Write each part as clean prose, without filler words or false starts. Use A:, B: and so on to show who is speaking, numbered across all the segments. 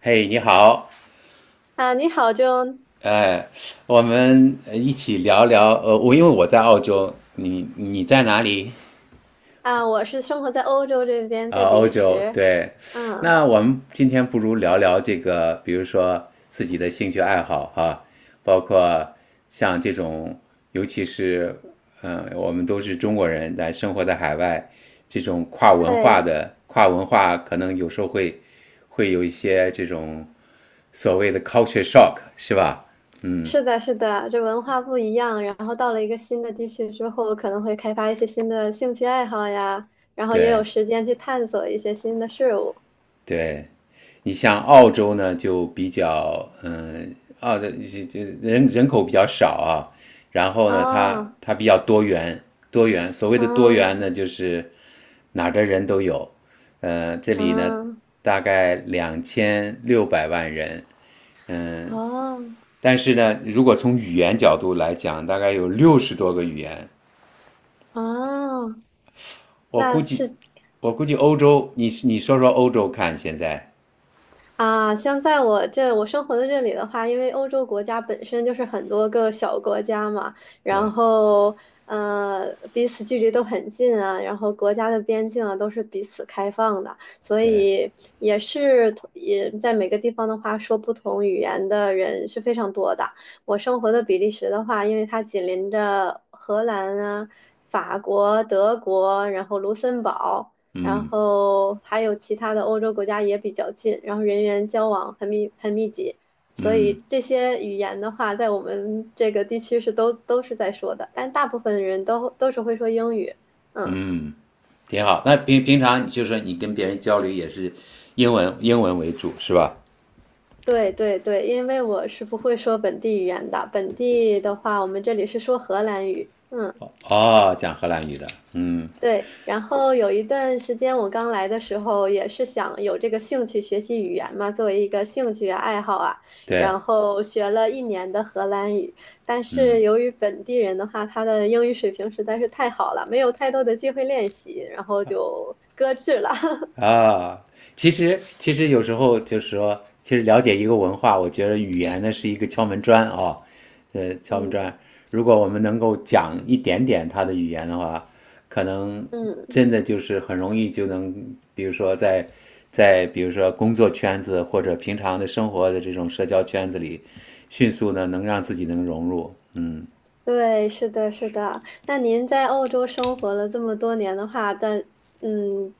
A: 嘿你好，
B: 啊，你好 j o
A: 呃，我们一起聊聊，因为我在澳洲，你在哪里？
B: 啊，我是生活在欧洲这边，
A: 啊、
B: 在比
A: 欧
B: 利
A: 洲，
B: 时。
A: 对。
B: 嗯，
A: 那我们今天不如聊聊这个，比如说自己的兴趣爱好哈、包括像这种，尤其是，我们都是中国人，但生活在海外，这种跨文化
B: 对，
A: 的跨文化，可能有时候会有一些这种所谓的 culture shock，是吧？嗯。
B: 是的，是的，这文化不一样。然后到了一个新的地区之后，可能会开发一些新的兴趣爱好呀，然后也有
A: 对。
B: 时间去探索一些新的事物。
A: 对，你像澳洲呢，就比较澳的这人口比较少啊，然后呢，
B: 哦，
A: 它比较多元，多元。所谓的多元呢，
B: 嗯，
A: 就是哪儿的人都有。这里呢，
B: 嗯，嗯
A: 大概两千六百万人，
B: 哦，
A: 但是呢，如果从语言角度来讲，大概有60多个语言。
B: 哦，
A: 我
B: 那
A: 估计，
B: 是
A: 我估计，欧洲，你说说欧洲看现在。
B: 啊，像在我生活的这里的话，因为欧洲国家本身就是很多个小国家嘛，
A: 对
B: 然后彼此距离都很近啊，然后国家的边境啊都是彼此开放的，所
A: 对，
B: 以也是同也在每个地方的话，说不同语言的人是非常多的。我生活的比利时的话，因为它紧邻着荷兰啊、法国、德国，然后卢森堡。然后还有其他的欧洲国家也比较近，然后人员交往很密集，所以这些语言的话，在我们这个地区是都是在说的，但大部分人都是会说英语。嗯，
A: 挺好。那平常就是你跟别人交流也是英文为主是吧？
B: 对对对，因为我是不会说本地语言的，本地的话，我们这里是说荷兰语。嗯。
A: 哦，讲荷兰语的。
B: 对，然后有一段时间我刚来的时候，也是想有这个兴趣学习语言嘛，作为一个兴趣啊爱好啊，
A: 对。
B: 然后学了1年的荷兰语，但是由于本地人的话，他的英语水平实在是太好了，没有太多的机会练习，然后就搁置了。
A: 啊，其实有时候就是说，其实了解一个文化，我觉得语言呢是一个敲门砖啊、敲门砖。
B: 嗯
A: 如果我们能够讲一点点他的语言的话，可能
B: 嗯。
A: 真的就是很容易就能，比如说在比如说工作圈子或者平常的生活的这种社交圈子里，迅速呢能让自己能融入。
B: 对，是的，是的。那您在澳洲生活了这么多年的话，但嗯，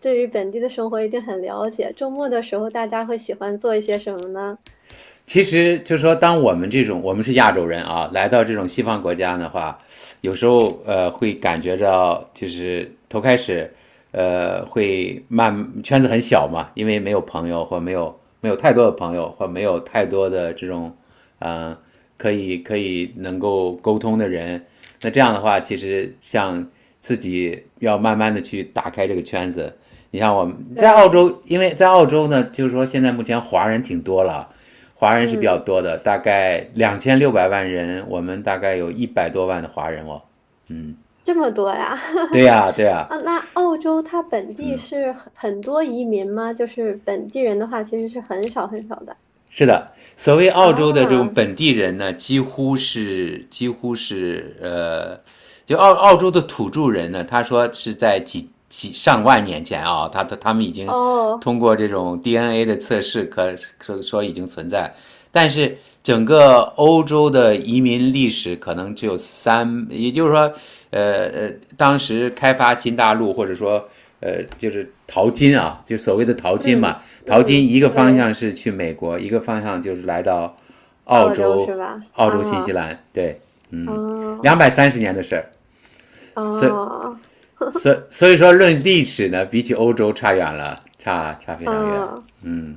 B: 对于本地的生活一定很了解。周末的时候，大家会喜欢做一些什么呢？
A: 其实就是说，当我们我们是亚洲人啊，来到这种西方国家的话，有时候会感觉到，就是头开始，呃会慢圈子很小嘛，因为没有朋友或没有没有太多的朋友或没有太多的这种，呃可以能够沟通的人。那这样的话，其实像自己要慢慢的去打开这个圈子。你像我们在澳
B: 对，
A: 洲，因为在澳洲呢，就是说现在目前华人挺多了啊。华人是比较
B: 嗯，
A: 多的，大概两千六百万人，我们大概有100多万的华人哦。
B: 这么多呀。
A: 对 呀、啊对呀、啊
B: 啊，那澳洲它本地是很多移民吗？就是本地人的话，其实是很少很少的
A: 是的，所谓澳洲的这种
B: 啊。
A: 本地人呢，几乎是就澳洲的土著人呢，他说是在几上万年前啊，他们已经
B: 哦，
A: 通过这种 DNA 的测试说已经存在，但是整个欧洲的移民历史可能只有三，也就是说，当时开发新大陆或者说就是淘金啊，就所谓的淘金嘛。
B: 嗯
A: 淘金
B: 嗯，
A: 一个方向
B: 对，
A: 是去美国，一个方向就是来到澳
B: 澳洲
A: 洲、
B: 是吧？
A: 新西
B: 啊，
A: 兰，对，
B: 啊
A: 230年的事儿。
B: 啊
A: 所
B: 啊。
A: 所以说，论历史呢，比起欧洲差远了，差非常远。
B: 嗯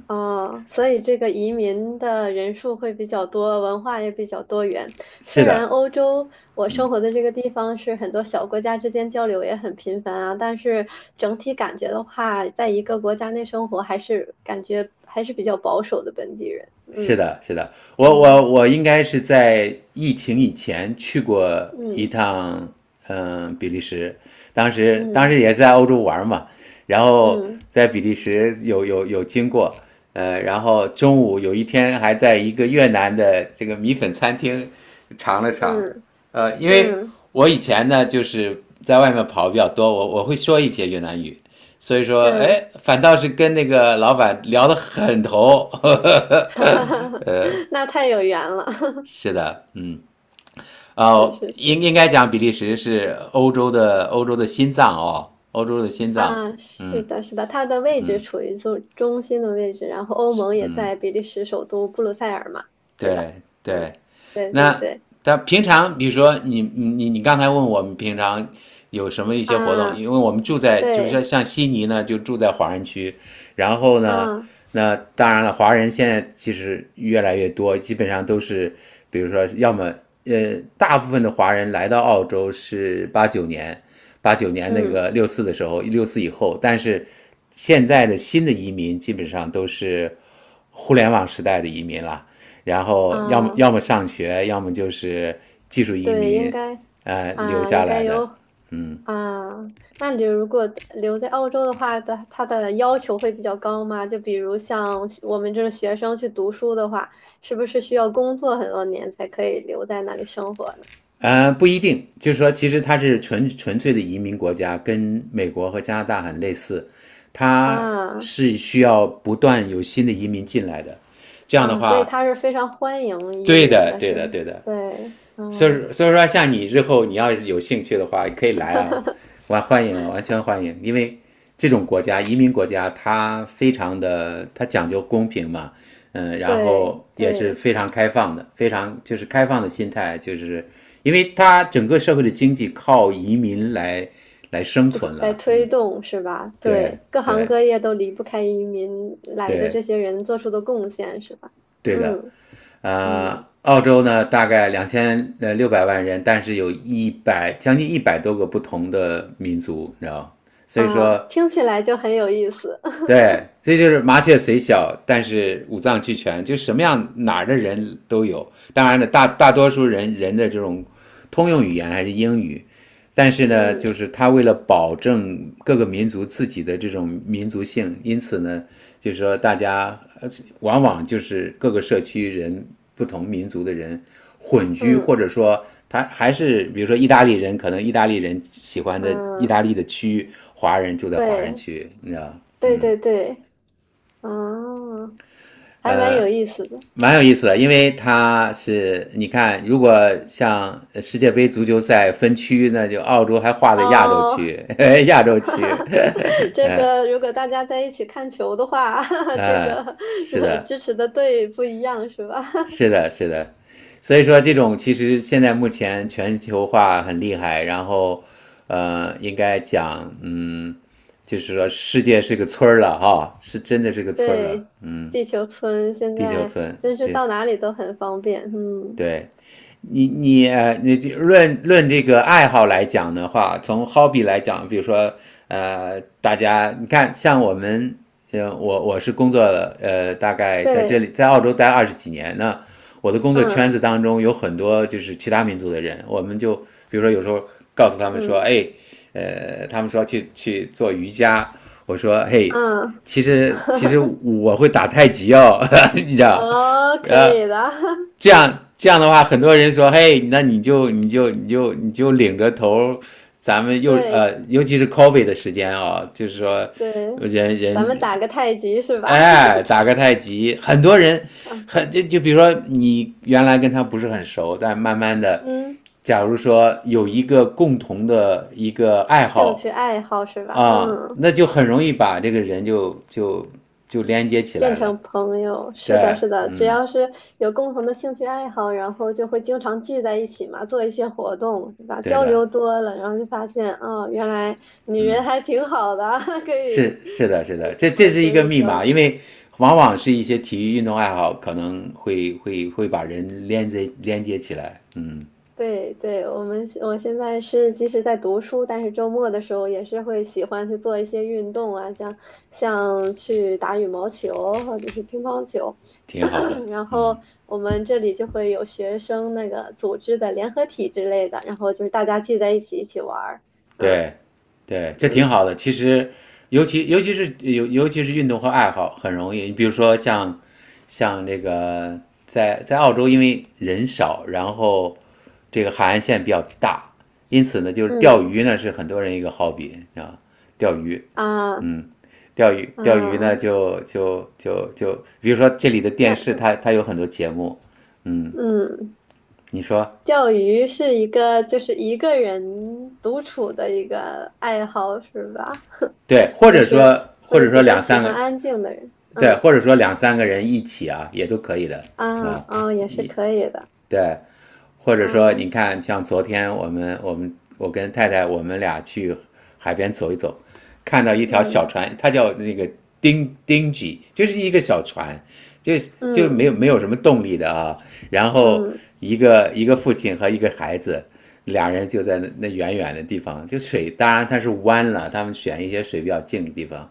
B: 哦，所以这个移民的人数会比较多，文化也比较多元。
A: 是
B: 虽然
A: 的，
B: 欧洲我生活的这个地方是很多小国家之间交流也很频繁啊，但是整体感觉的话，在一个国家内生活还是感觉还是比较保守的本地人。
A: 是
B: 嗯
A: 的，是的，我
B: 嗯
A: 我我应该是在疫情以前去过一
B: 嗯
A: 趟。比利时，当时
B: 嗯
A: 也是在欧洲玩嘛，然后
B: 嗯
A: 在比利时有经过。然后中午有一天还在一个越南的这个米粉餐厅尝了尝。
B: 嗯
A: 因为
B: 嗯
A: 我以前呢就是在外面跑比较多，我会说一些越南语，所以说，哎，
B: 嗯，
A: 反倒是跟那个老板聊得很投，呵
B: 哈
A: 呵。
B: 哈哈哈，那太有缘了，
A: 是的。嗯。
B: 是是
A: 应
B: 是。
A: 应该讲比利时是欧洲的心脏哦，欧洲的心脏。
B: 啊，是的，是的，它的位置处于中心的位置，然后欧盟也在比利时首都布鲁塞尔嘛，对吧？
A: 对
B: 嗯，
A: 对。
B: 对对
A: 那
B: 对，
A: 但平常比如说你刚才问我们平常有什么一些活动，
B: 啊，
A: 因为我们住在就像
B: 对
A: 像悉尼呢，就住在华人区，然后呢，
B: 啊，
A: 那当然了，华人现在其实越来越多，基本上都是，比如说，要么大部分的华人来到澳洲是八九年，八九年那
B: 嗯
A: 个六四的时候，六四以后，但是现在的新的移民基本上都是互联网时代的移民了，然后要么
B: 啊，
A: 要么上学，要么就是技术移
B: 对，应
A: 民，
B: 该
A: 留
B: 啊，
A: 下
B: 应该
A: 来的。
B: 有啊。那你如果留在澳洲的话，的它的要求会比较高吗？就比如像我们这种学生去读书的话，是不是需要工作很多年才可以留在那里生活呢？
A: 不一定，就是说，其实它是纯粹的移民国家，跟美国和加拿大很类似，它
B: 啊
A: 是需要不断有新的移民进来的。这样的
B: 啊，所以
A: 话，
B: 他是非常欢迎移
A: 对
B: 民
A: 的，
B: 的，
A: 对
B: 是
A: 的，
B: 吗？
A: 对的。
B: 对，
A: 所以
B: 嗯，
A: 所以说，像你之后你要有兴趣的话，可以来啊，完全欢迎。因为这种国家，移民国家，它非常的，它讲究公平嘛，然
B: 对
A: 后也是
B: 对，
A: 非常开放的，非常就是开放的心态，就是因为它整个社会的经济靠移民来生存了。
B: 推动是吧？
A: 对
B: 对，各行
A: 对
B: 各业都离不开移民来的
A: 对，
B: 这些人做出的贡献是吧？
A: 对的。
B: 嗯嗯，
A: 澳洲呢大概两千六百万人，但是有将近100多个不同的民族，你知道所以
B: 啊，
A: 说，
B: 听起来就很有意思。
A: 对，这就是麻雀虽小，但是五脏俱全，就什么样哪儿的人都有。当然了，大多数人的这种通用语言还是英语，但是呢，就
B: 嗯
A: 是他为了保证各个民族自己的这种民族性，因此呢，就是说大家往往就是各个社区人不同民族的人混居，或
B: 嗯
A: 者说他还是比如说意大利人，可能意大利人喜欢的意大
B: 嗯，
A: 利的区，华人住在华人
B: 对
A: 区，你知道
B: 对对对，啊，还蛮有意思的
A: 蛮有意思的，因为他是你看，如果像世界杯足球赛分区，那就澳洲还划在亚洲
B: 哦。
A: 区、亚洲区，
B: 这个如果大家在一起看球的话，这
A: 啊，
B: 个
A: 是的，
B: 支持的队不一样是吧？
A: 是的，是的。所以说，这种其实现在目前全球化很厉害，然后，应该讲，就是说世界是个村儿了哈，是真的是个村儿了，
B: 对，地球村现
A: 地球
B: 在
A: 村，
B: 真是
A: 对
B: 到哪里都很方便。嗯，
A: 对。你这论这个爱好来讲的话，从 hobby 来讲，比如说大家你看，像我们，我是工作了，大概在这
B: 对，
A: 里在澳洲待20几年，那我的工作圈子
B: 嗯
A: 当中有很多就是其他民族的人，我们就比如说有时候告诉他们说，
B: 嗯
A: 哎，他们说去做瑜伽，我说嘿，
B: 嗯，
A: 其实 我会打太极哦，你知道，
B: 哦，可
A: 呃，
B: 以的，
A: 这样的话，很多人说，嘿，那你就领着头，咱们 又
B: 对
A: 尤其是 coffee 的时间啊、就是说
B: 对，
A: 人
B: 咱们
A: 人
B: 打个太极是吧？
A: 哎打个太极，很多人 就比如说你原来跟他不是很熟，但慢慢的，
B: 嗯，
A: 假如说有一个共同的一个爱
B: 兴
A: 好
B: 趣爱好是吧？
A: 啊，
B: 嗯。
A: 那就很容易把这个人就连接起
B: 变
A: 来了。
B: 成朋友，是的，
A: 对。
B: 是的，只
A: 嗯。
B: 要是有共同的兴趣爱好，然后就会经常聚在一起嘛，做一些活动，对吧？
A: 对
B: 交
A: 的。
B: 流多了，然后就发现，哦，原来你人还挺好的，可以，
A: 是的，是
B: 可
A: 的，
B: 以
A: 这
B: 以
A: 这
B: 后
A: 是一
B: 深
A: 个
B: 入
A: 密
B: 交流。
A: 码，因为往往是一些体育运动爱好可能会把人连接起来，
B: 对对，我现在是即使在读书，但是周末的时候也是会喜欢去做一些运动啊，像去打羽毛球或者是乒乓球。
A: 挺 好的。
B: 然后我们这里就会有学生那个组织的联合体之类的，然后就是大家聚在一起玩儿。嗯
A: 对，对，这挺
B: 嗯
A: 好的。其实，尤其是运动和爱好很容易，你比如说像这个在澳洲，因为人少，然后这个海岸线比较大，因此呢，就是钓
B: 嗯
A: 鱼呢是很多人一个 hobby 啊，钓鱼。
B: 啊
A: 钓鱼呢，
B: 啊，
A: 就就就就，比如说这里的电视
B: 那
A: 它有很多节目，
B: 嗯。
A: 你说
B: 钓鱼是一个人独处的一个爱好是吧？
A: 对，或
B: 就
A: 者
B: 是
A: 说或
B: 会
A: 者说
B: 比较
A: 两
B: 喜
A: 三
B: 欢
A: 个
B: 安静的人，
A: 对，
B: 嗯
A: 或者说两三个人一起啊，也都可以的
B: 啊
A: 啊，
B: 哦也是可以的，
A: 对，或者说你
B: 嗯
A: 看，像昨天我跟太太我们俩去海边走一走，看到一条小
B: 嗯
A: 船，它叫那个丁丁吉，就是一个小船，就就没有
B: 嗯
A: 没有什么动力的啊。然后
B: 嗯
A: 一个父亲和一个孩子，俩人就在那远远的地方，就水当然它是弯了，他们选一些水比较静的地方，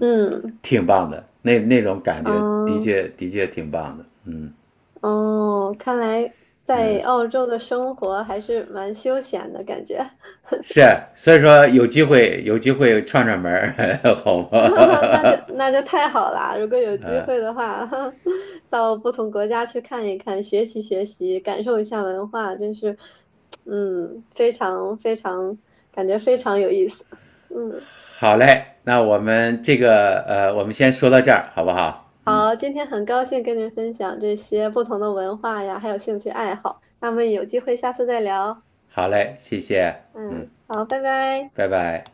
B: 嗯
A: 挺棒的，那种感觉的
B: 嗯
A: 确的确挺棒的。
B: 哦，看来在澳洲的生活还是蛮休闲的感觉，
A: 是，所以说有机会 有机会串串门儿，好
B: 那就
A: 吗？
B: 那就太好啦！如果有机会的话，到不同国家去看一看，学习学习，感受一下文化，真是，嗯，非常非常，感觉非常有意思。嗯，
A: 好嘞，那我们这个我们先说到这儿，好不好？嗯，
B: 好，今天很高兴跟您分享这些不同的文化呀，还有兴趣爱好。那么有机会下次再聊。
A: 好嘞，谢谢，嗯，
B: 嗯，好，拜拜。
A: 拜拜。